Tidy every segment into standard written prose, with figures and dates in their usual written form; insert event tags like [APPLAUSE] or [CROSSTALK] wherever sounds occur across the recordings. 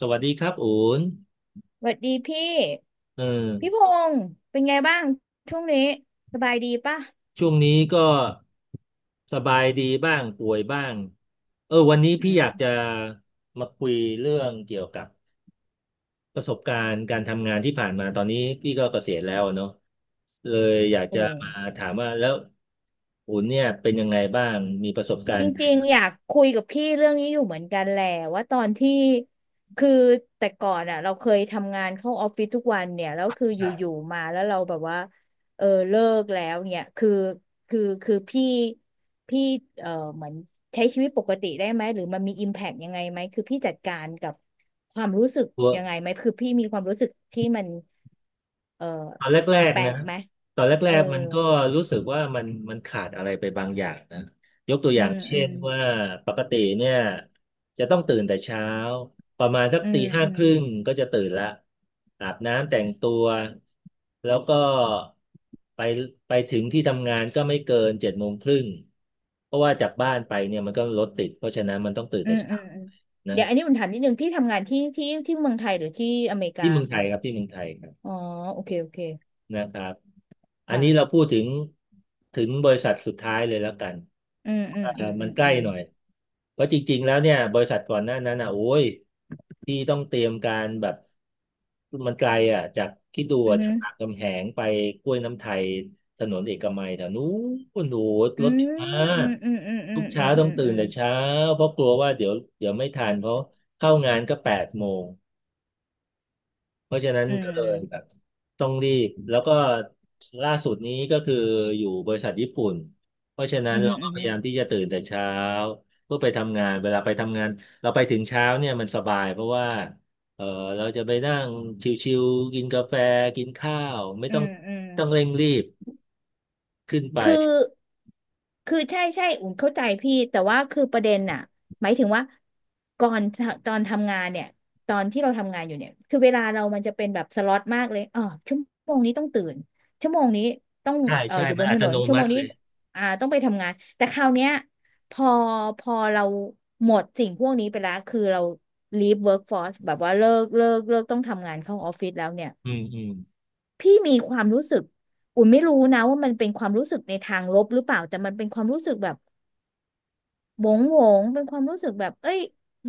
สวัสดีครับอูนสวัสดีพี่เออพงษ์เป็นไงบ้างช่วงนี้สบายดีป่ะช่วงนี้ก็สบายดีบ้างป่วยบ้างเออวันนี้อืพี่อยากมจะมาคุยเรื่องเกี่ยวกับประสบการณ์การทำงานที่ผ่านมาตอนนี้พี่ก็เกษียณแล้วอะเนาะเลยอยากโอ้ จะมาถามว่าแล้วอูนเนี่ยเป็นยังไงบ้างมีประสบกาจรณ์ไหนริงบ้าๆง อยากคุยกับพี่เรื่องนี้อยู่เหมือนกันแหละว่าตอนที่คือแต่ก่อนอ่ะเราเคยทำงานเข้าออฟฟิศทุกวันเนี่ยแล้วคืออยู่ๆมาแล้วเราแบบว่าเออเลิกแล้วเนี่ยคือคือพี่พี่เออเหมือนใช้ชีวิตปกติได้ไหมหรือมันมีอิมแพกยังไงไหมคือพี่จัดการกับความรู้สึกยังไงไหมคือพี่มีความรู้สึกที่มันเออตอนแรกแปลๆนะกไหมตอนแรเออกๆมันก็รู้สึกว่ามันขาดอะไรไปบางอย่างนะยกตัวออืย่างมอืเช่นมว่าปกติเนี่ยจะต้องตื่นแต่เช้าประมาณสักอืตีมห้าอืคม รึ่งก็จะตื่นละอาบน้ำแต่งตัวแล้วก็ไปไปถึงที่ทำงานก็ไม่เกินเจ็ดโมงครึ่งเพราะว่าจากบ้านไปเนี่ยมันก็รถติดเพราะฉะนั้นมันต้องตื่นอืแต่มอืเช้ามอืมนะเดี๋ยวอันนี้อุ่นถามนิดนึงพี่ทำงานที่ที่เมืองไทยหรือที่อเมริกาที่เมืองไทคะยครับที่เมืองไทยครับ อ๋อโอเคโอเคนะครับอันนี้เราค่ะพูดถึงถึงบริษัทสุดท้ายเลยแล้วกันอืมอืมอืมอืมันมใกอืล้มหน่อยเพราะจริงๆแล้วเนี่ยบริษัทก่อนหน้านั้นอ่ะโอ้ยที่ต้องเตรียมการแบบมันไกลอ่ะจากคิดดูอือะจากรามมคำแหงไปกล้วยน้ำไทยถนนเอกมัยแถวนู้นโอ้โหรอืถติดมามอืกมอืมอืทุมกเช้าต้องตื่อืนมแต่เช้าเพราะกลัวว่าเดี๋ยวไม่ทันเพราะเข้างานก็แปดโมง เพราะฉะนั้นอืก็เลยแบบมต้องรีบแล้วก็ล่าสุดนี้ก็คืออยู่บริษัทญี่ปุ่นเพราะฉะนั้อืนมอืเรามก็พอืยามยามที่จะตื่นแต่เช้าเพื่อไปทำงานเวลาไปทำงานเราไปถึงเช้าเนี่ยมันสบายเพราะว่าเออเราจะไปนั่งชิวๆกินกาแฟกินข้าวไม่อืต้องมอืมอืมอืมอืต้องเร่มงรีบขึ้นไปคือ คือใช่ใช่อุ่นเข้าใจพี่แต่ว่าคือประเด็นน่ะหมายถึงว่าก่อนตอนทำงานเนี่ยตอนที่เราทำงานอยู่เนี่ยคือเวลาเรามันจะเป็นแบบสล็อตมากเลยอ๋อชั่วโมงนี้ต้องตื่นชั่วโมงนี้ต้องใช่ใช่อยู่มับนนอัถตนโนนชั่วมัโมงติเลนี้ยต้องไปทำงานแต่คราวเนี้ยพอพอเราหมดสิ่งพวกนี้ไปแล้วคือเรา leave workforce แบบว่าเลิกต้องทำงานเข้าออฟฟิศแล้วเนี่ยอืมอืม พี่มีความรู้สึกอุ่นไม่รู้นะว่ามันเป็นความรู้สึกในทางลบหรือเปล่าแต่มันเป็นความรู้สึกแบบ โหวงโหวงเป็นความรู้สึกแบบเอ้ย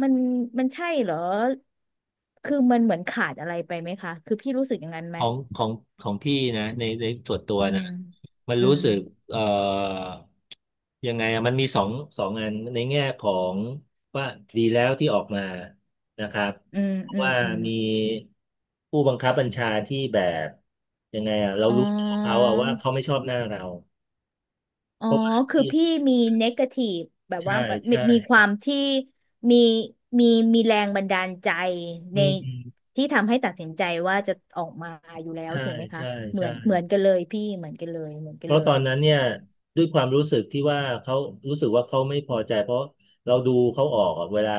มันมันใช่เหรอคือมันเหมือนขาดอะไรไปไหมคะคือพี่รู้สึกอย่างนั้นไหขมองของของพี่นะในส่วนตัวอืนะมมันอืรู้มสึกเอ่อยังไงอะมันมีสองสองอันในแง่ของว่าดีแล้วที่ออกมานะครับอืมเพราะอืมว่าอืมมีผู้บังคับบัญชาที่แบบยังไงอะเราอ๋อรู้ตัวเขาอะว่าเขาไม่ชอบหน้าเราอ๋อเพราะว่าคือที่พี่มีเนกาทีฟแบบว่าใช่มีใช่มีความที่มีมีมีแรงบันดาลใจอืในมอืมที่ทำให้ตัดสินใจว่าจะออกมาอยู่แล้วใช่ถูกไหมคะใช่เหมือใช่ นเหมือนกันเลยพี่เหมือนกันเลยเหมือนเพกันเลราะตอยนนั้นเนี่ยด้วยความรู้สึกที่ว่าเขารู้สึกว่าเขาไม่พอใจเพราะเราดูเขาออกอะเวลา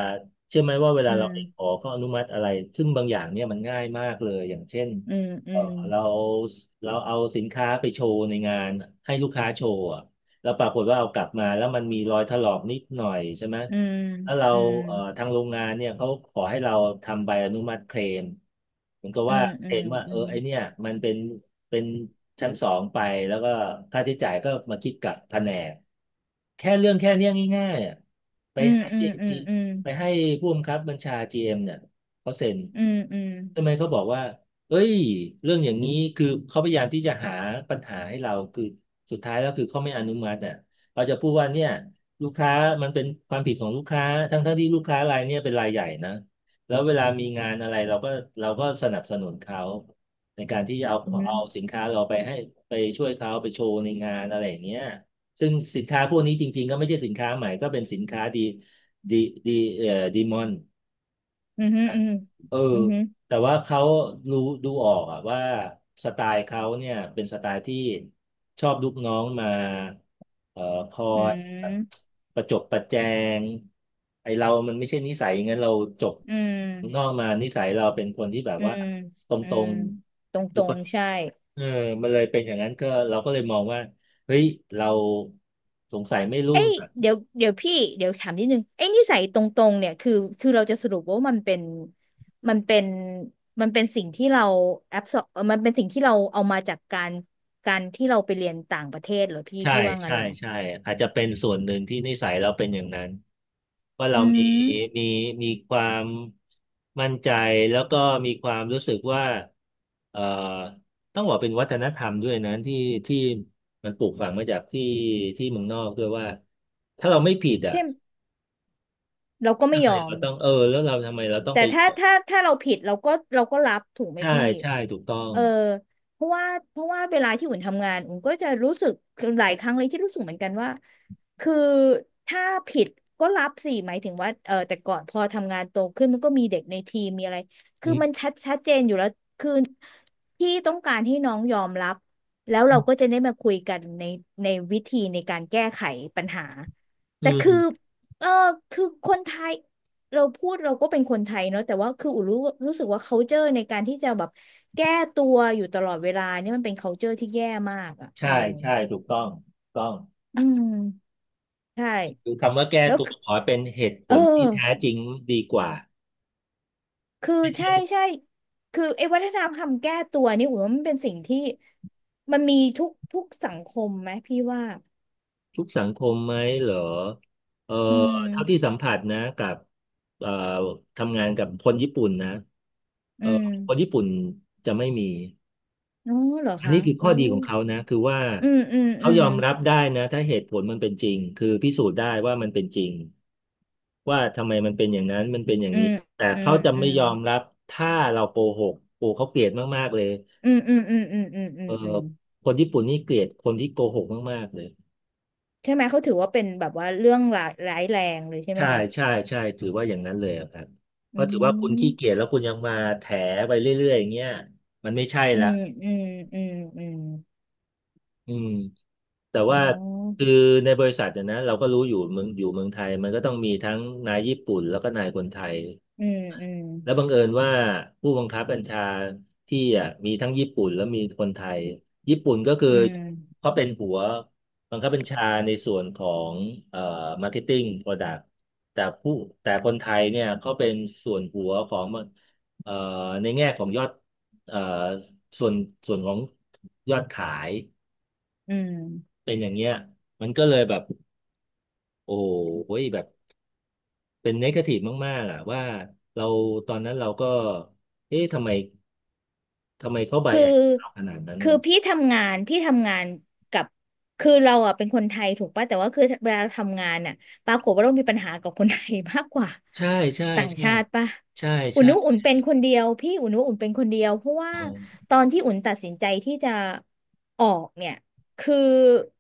เชื่อไหมว่าเวอืลาเรามไปขอเขาอนุมัติอะไรซึ่งบางอย่างเนี่ยมันง่ายมากเลยอย่างเช่นอืมอืเออมเราเราเอาสินค้าไปโชว์ในงานให้ลูกค้าโชว์อะแล้วปรากฏว่าเอากลับมาแล้วมันมีรอยถลอกนิดหน่อยใช่ไหม อืมถ้าเราอืม ทางโรงงานเนี่ยเขาขอให้เราทำใบอนุมัติเคลมเหมือนกับอืว่ามเคอืลมมว่าอืเออมไอเนี่ยมันเป็นชั้นสองไปแล้วก็ค่าใช้จ่ายก็มาคิดกับแผนกแค่เรื่องแค่เนี้ยง่ายๆอ่ะไปอืมให้อืมจีอืมไปให้ผู้บังคับบัญชา GM เอ็มเนี่ยเขาเซ็นอืมอืมทำไมเขาบอกว่าเอ้ยเรื่องอย่างนี้คือเขาพยายามที่จะหาปัญหาให้เราคือสุดท้ายแล้วคือเขาไม่อนุมัติอ่ะเขาจะพูดว่าเนี่ย ลูกค้ามันเป็นความผิดของลูกค้าทั้งที่ลูกค้ารายเนี้ยเป็นรายใหญ่นะแล้วเวลามีงานอะไรเราก็สนับสนุนเขาในการที่จะเอาสินค้าเราไปให้ไปช่วยเขาไปโชว์ในงานอะไรอย่างเงี้ยซึ่งสินค้าพวกนี้จริงๆก็ไม่ใช่สินค้าใหม่ก็เป็นสินค้าดีดีดีดีมอน อืมอืมอืมเอออืมแต่ว่าเขารู้ดูออกอะว่าสไตล์เขาเนี่ยเป็นสไตล์ที่ชอบลูกน้องมาเอ่อคออืยแบบมประจบประแจงไอเรามันไม่ใช่นิสัยอย่างนั้นเราจบอืมอืข้างนอมกมานิสัยเราเป็นคนที่แบบอืว่ามตอืรมงตรงๆตคือรคนงใช่เออมันเลยเป็นอย่างนั้นก็เราก็เลยมองว่าเฮ้ยเราสงสัยไม่รุ่เอ้ง ยเดี๋ยวพี่เดี๋ยวถามนิดนึงไอ้นิสัยตรงตรงเนี่ยคือคือเราจะสรุปว่ามันเป็นมันเป็นสิ่งที่เราแอบสอบมันเป็นสิ่งที่เราเอามาจากการที่เราไปเรียนต่างประเทศเหรอพี่ใช่พี่ว่างั้ใช่นเหรอใช่อาจจะเป็นส่วนหนึ่งที่นิสัยเราเป็นอย่างนั้นว่าเราอืมีมมีมีความมั่นใจแล้วก็มีความรู้สึกว่าเอ่อต้องบอกเป็นวัฒนธรรมด้วยนะที่มันปลูกฝังมาจากที่เมืองนอกด้วยว่าถ้าเราไม่ผิดอ่ะเช่นเราก็ไม่ทำไมยอเราม ต้องเออแล้วเราทำไมเราต้องแต่ไปขถ้าอถ้าถ้าเราผิดเราก็รับถูกไหมใช่พี่ใช่ถูกต้องเออเพราะว่าเพราะว่าเวลาที่อุ่นทำงานอุ่นก็จะรู้สึกหลายครั้งเลยที่รู้สึกเหมือนกันว่าคือถ้าผิดก็รับสิหมายถึงว่าเออแต่ก่อนพอทำงานโตขึ้นมันก็มีเด็กในทีมมีอะไรอืคือมันมชัดชัดเจนอยู่แล้ว คือพี่ต้องการให้น้องยอมรับแล้วเราก็จะได้มาคุยกันในวิธีในการแก้ไขปัญหาอืแต่คือมเออคือคนไทย เราพูดเราก็เป็นคนไทยเนาะแต่ว่าคืออูรู้รู้สึกว่า culture ในการที่จะแบบแก้ตัวอยู่ตลอดเวลาเนี่ยมันเป็น culture ที่แย่มากอ่ะเอใช่อใช่ถูกต้องถูกต้อง อืมใช่คือคำว่าแก้แล้วตัวคือขอเป็นเหตุผเออลที่แท้จริงดีกว่าคือใช่ใช่คือไอ้วัฒนธรรมคำแก้ตัวนี่อูว่ามันเป็นสิ่งที่มันมีทุกทุกสังคมไหมพี่ว่าทุกสังคมไหมเหรอเอออืมเท่าที่สัมผัสนะกับเอ่อทำงานกับคนญี่ปุ่นนะเออือมคนญี่ปุ่นจะไม่มีอ๋อเหรออันคะนี้คือโอ้ข้อดีของเขานะคือว่าอืมอืมเขาอืยมอมรับได้นะถ้าเหตุผลมันเป็นจริงคือพิสูจน์ได้ว่ามันเป็นจริงว่าทำไมมันเป็นอย่างนั้นมันเป็นอย่างอืนี้มแต่อืเขามจะอืไม่มยอมรับถ้าเราโกหกโอ้เขาเกลียดมากๆเลย อืมอืมอืมอืมอืมเออือม คนญี่ปุ่นนี่เกลียดคนที่โกหกมากๆเลยใช่ไหมเขาถือว่าเป็นแบบว่าเรื่องร้ายร้ายแรงเลยใช่ไหมใช่คะใช่ใช่ถือว่าอย่างนั้นเลยอะครับเพอืราะถือว่าคุณขี้เกีมยจแล้วคุณยังมาแถไปเรื่อยๆอย่างเงี้ยมันไม่ใช่อืละมอืมอืมอืมอืมแต่อ๋ว่าอคือในบริษัทเนี่ยนะเราก็รู้อยู่เมืองอยู่เมืองไทยมันก็ต้องมีทั้งนายญี่ปุ่นแล้วก็นายคนไทย อืมอืมแล้วบังเอิญว่าผู้บังคับบัญชาที่อ่ะมีทั้งญี่ปุ่นแล้วมีคนไทยญี่ปุ่นก็คืออืมเขาเป็นหัวบังคับบัญชาในส่วนของเอ่อมาร์เก็ตติ้งโปรดักต์แต่ผู้แต่คนไทยเนี่ยเขาเป็นส่วนหัวของเอ่อในแง่ของยอดเอ่อส่วนส่วนของยอดขายอืมเป็นอย่างเงี้ยมันก็เลยแบบโอ้โหแบบ เป็นเนกาทีฟมากๆอ่ะว่าเราตอนนั้นเราก็เอ๊ะทำไมทำไมเขาไบคือ แอสเราขนาดนั้นคือพี่ทำงานพี่ทำงานกับ คือเราอ่ะเป็นคนไทยถูกป่ะแต่ว่าคือเวลาเราทำงานอ่ะปรากฏว่าเรามีปัญหากับคนไทยมากกว่าใช่ใช่ต่างใช่ชาติป่ะใช่อุ่นใช่นุอุ่นเป็นคนเดียวพี่อุ่นนุอุ่นเป็นคนเดียวเพราะว่าอ๋อตอนที่อุ่นตัดสินใจที่จะออกเนี่ย คือ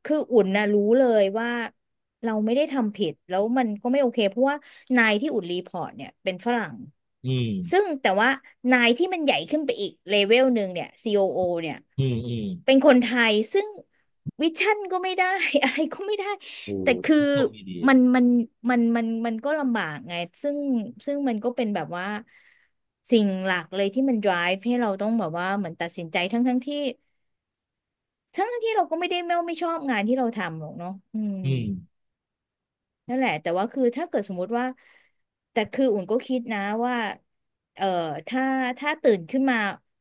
คืออุ่นนะรู้เลยว่าเราไม่ได้ทำผิดแล้วมันก็ไม่โอเคเพราะว่านายที่อุ่นรีพอร์ตเนี่ยเป็นฝรั่งอืมซึ่งแต่ว่านายที่มันใหญ่ขึ้นไปอีกเลเวลหนึ่งเนี่ย COO เนี่ยอืมอืมเป็นคนไทยซึ่งวิชั่นก็ไม่ได้ [LAUGHS] อะไรก็ไม่ได้โอ้แต่คือโชคดีดีมันมันมันมันก็ลำบากไงซึ่งซึ่งมันก็เป็นแบบว่าสิ่งหลักเลยที่มัน drive ให้เราต้องแบบว่าเหมือนตัดสินใจทั้งทั้งที่เราก็ไม่ได้ไม่ชอบงานที่เราทำหรอกเนาะอืม อืมนั่นแหละแต่ว่าคือถ้าเกิดสมมุติว่าแต่คืออุ่นก็คิดนะว่าเอ่อถ้าถ้าตื่นขึ้นมา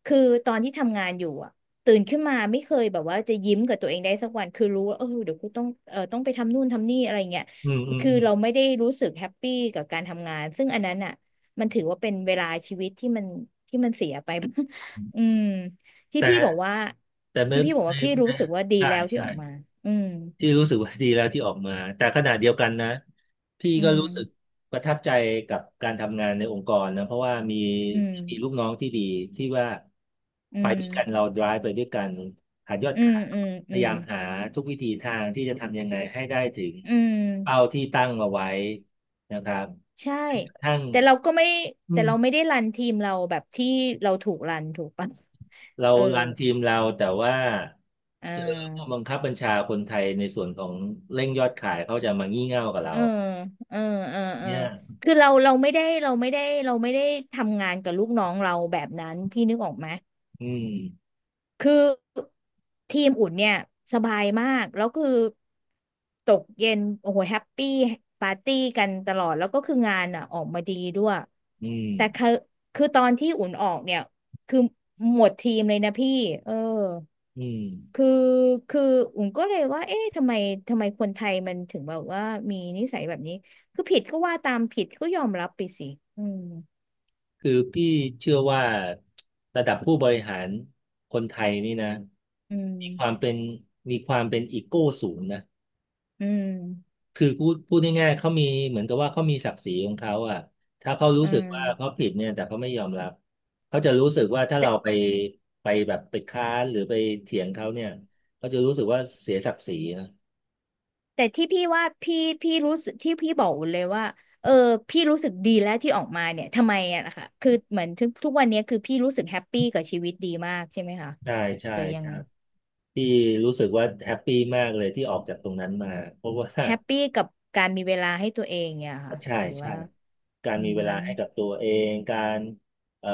คือตอนที่ทำงานอยู่อะตื่นขึ้นมาไม่เคยแบบว่าจะยิ้มกับตัวเองได้สักวันคือรู้ว่าเออเดี๋ยวกูต้องเออต้องไปทำนู่นทำนี่อะไรเงี้ยอืมอืมคืออเราไม่ได้รู้สึกแฮปปี้กับการทำงานซึ่งอันนั้นอ่ะมันถือว่าเป็นเวลาชีวิตที่มันเสียไป ื [LAUGHS] อืมมที่แต่พี่บอกว่าแต่ไม่ที่พี่บอกในว่าพี่ในรู้สึกว่าดีใช่แล้วที่ใช่ ออกมาอืมที่รู้สึกว่าดีแล้วที่ออกมาแต่ขณะเดียวกันนะพี่อืก็มรู้สึกประทับใจกับการทำงานในองค์กรนะเพราะว่ามีอืมมีลูกน้องที่ดีที่ว่าอืไปม ด้วยกันเรา drive ไปด้วยกันหายอดอืขามยอืมพอืยามยามหาทุกวิธีทางที่จะทำยังไงให้ได้ถึงอืมเป้าที่ตั้งเอาไว้นะครับใช่แม้กระทั่งแต่เราก็ไม่อืแต่มเราไม่ได้รันทีมเราแบบที่เราถูกรันถูกปะ เรา [LAUGHS] เออรันทีมเราแต่ว่าอ่เจอผู้บัางคับบัญชาคนไทยในส่วนของเร่งยอดขายเขาจะมางี่เง่ากับเอเราอเออเออเออเนี่ย คือเราเราไม่ได้ทำงานกับลูกน้องเราแบบนั้นพี่นึกออกไหม อืมคือทีมอุ่นเนี่ยสบายมากแล้วคือตกเย็นโอ้โหแฮปปี้ปาร์ตี้กันตลอดแล้วก็คืองานอ่ะออกมาดีด้วยอืแต่คืมอคือตอนที่อุ่นออกเนี่ยคือหมดทีมเลยนะพี่เอออืมคือคืออุ่นก็เลยว่าเอ๊ะทำไมคนไทยมันถึงแบบว่ามีนิสัยแบบนี้คือผิดก็ว่าตามผิดก็ยอมรับไปสิอืมคือพี่เชื่อว่าระดับผู้บริหารคนไทยนี่นะอืมีความมเป็นมีความเป็นอีโก้สูงนะอืมคือพูดพูดง่ายๆเขามีเหมือนกับว่าเขามีศักดิ์ศรีของเขาอ่ะถ้าเขารู้อืสึกว่าเขามผิดเนี่ยแต่เขาไม่ยอมรับเขาจะรู้สึกว่าถ้าแต่ เราไปไปแบบไปค้านหรือไปเถียงเขาเนี่ยเขาจะรู้สึกว่าเสียศักดิ์ศรีนะแต่ที่พี่ว่าพี่รู้สึกที่พี่บอกเลยว่าเออพี่รู้สึกดีแล้วที่ออกมาเนี่ยทำไมอะนะคะคือเหมือนทุกวันเนี้ยคือพี่รู้สึกแฮปปี้กับชีวิตดีมากใช่ไหมคะใช่ใช่หรือยังใช่ไงพี่รู้สึกว่าแฮปปี้มากเลยที่ออกจากตรงนั้นมาเพราะว่า แฮปปี้กับการมีเวลาให้ตัวเองเนี่ยค่ะใช่หรือใช่ว่าการอืมีเวลามให้กับตัวเองการเอ่อ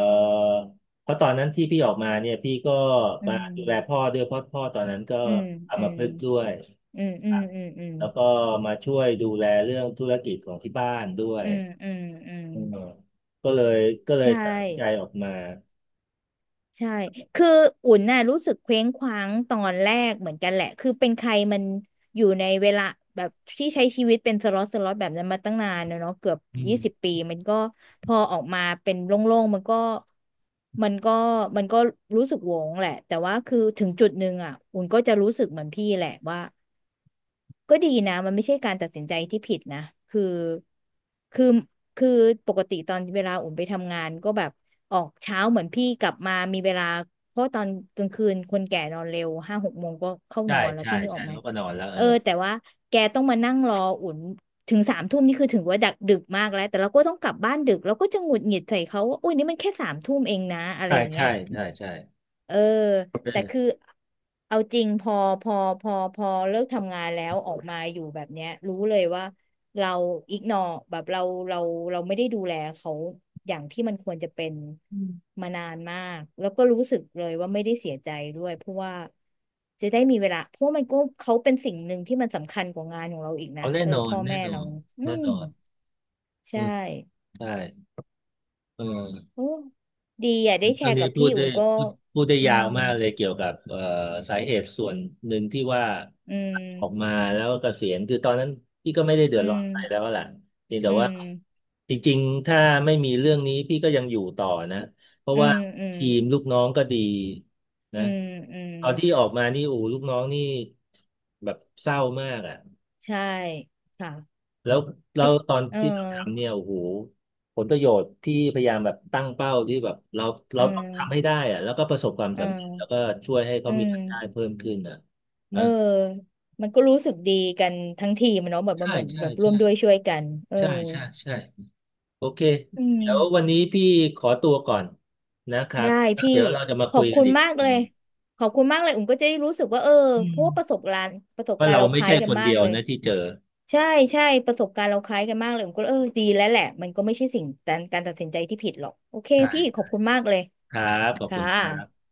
เพราะตอนนั้นที่พี่ออกมาเนี่ยพี่ก็อืมาดูแลพ่มอด้วยเพราะพ่อตอนนั้นก็อืมอัอืมมพฤกษ์ด้วยอืมคอืรัมบอืมแล้วก็มาช่วยดูแลเรื่องธุรกิจของที่บ้านด้วยอืมอืมอืมอือืมมก็เลยก็เลยใช่ ตัดสินใจออกมาใช่คืออุ่นน่ะรู้สึกเคว้งคว้างตอนแรกเหมือนกันแหละคือเป็นใครมันอยู่ในเวลาแบบที่ใช้ชีวิตเป็นสล็อตสล็อตแบบนั้นมาตั้งนานแล้วเนาะเกือบอืม20 ปีมันก็พอออกมาเป็นโล่งๆมันก็มันก็มันก็รู้สึกโหวงแหละแต่ว่าคือถึงจุดหนึ่งอ่ะอุ่นก็จะรู้สึกเหมือนพี่แหละว่า ก็ดีนะมันไม่ใช่การตัดสินใจที่ผิดนะคือคือคือปกติตอนเวลาอุ่นไปทำงานก็แบบออกเช้าเหมือนพี่กลับมามีเวลาเพราะตอนกลางคืนคนแก่นอนเร็ว5-6 โมงก็เข้าใช่นอนแล้วใช่พี่นึกอใช่อกไหมเล้วก็นอนแล้วเอเอออแต่ว่าแกต้องมานั่งรออุ่นถึงสามทุ่มนี่คือถึงว่าดึกดึกมากแล้วแต่เราก็ต้องกลับบ้านดึกเราก็จะหงุดหงิดใส่เขาว่าอุ้ยนี่มันแค่สามทุ่มเองนะอะไรใช่อย่างเงี้ใช่ย ใช่ใช่เออแต่เออคือเอาจริงพอพอเลิกทำงานแล้วออกมาอยู่แบบเนี้ยรู้เลยว่าเราอิกนอแบบเราเราเราไม่ได้ดูแลเขาอย่างที่มันควรจะเป็นอืม [LAUGHS] มานานมากแล้วก็รู้สึกเลยว่าไม่ได้เสียใจด้วยเพราะว่าจะได้มีเวลาเพราะมันก็เขาเป็นสิ่งหนึ่งที่มันสำคัญกว่างานของเราอีกเอานะแน่เออนอนพ่อแน่แม่นอเรานอืแน่มนอนอืใช่มใช่เออ โอ้ดีอ่ะได้แชตอนร์นี้กับพูพี่ดได้อุ่นก็พูดพูดได้อืยาวมมากเลยเกี่ยวกับสาเหตุส่วนหนึ่งที่ว่าอืมออกมาแล้วก็เกษียณคือตอนนั้นพี่ก็ไม่ได้เดืออืดร้อนม อะไรแล้วล่ะเพียงแต่อืว่ามจริงๆถ้าไม่มีเรื่องนี้พี่ก็ยังอยู่ต่อนะเพราะอืว่ามอืมทีมลูกน้องก็ดีอืนะมอืมตอนที่ออกมานี่โอ้ลูกน้องนี่แบบเศร้ามากอ่ะ ใช่ค่ะ แล้วเรา ex ตอนเออที่เราทำเนี่ยโอ้โหผลประโยชน์ที่พยายามแบบตั้งเป้าที่แบบเราเอเราอต้องทำให้ได้อะแล้วก็ประสบความเออสำเร็จแล้วก็ช่วยให้เขาอืมีมรายได้เพิ่มขึ้นอะเอนะอมันก็รู้สึกดีกันทั้งทีมอะเนาะแบบมันใช่เหมือนใช่แบบร่ใช่วมด้วยช่วยกันเออใช่ใช่ใช่โอเคอืมเดี๋ยววันนี้พี่ขอตัวก่อนนะครัได้บแล้วพี่เดี๋ยวเราจะมาขอคุบยกัคุนณอีกมากทีเลยนึงขอบคุณมากเลยอุ่มก็จะได้รู้สึกว่าเอออืเพมราะว่าประสบว่าการณ์เราเราคไม่ล้ายใช่กัคนนมาเดีกยวเลยนะที่เจอใช่ใช่ประสบการณ์เราคล้ายกันมากเลยผมก็เออดีแล้วแหละมันก็ไม่ใช่สิ่งการตัดสินใจที่ผิดหรอกโอเคพี่ขอใช่บคุณมากเลย ครับขอบคุค่ะณครับ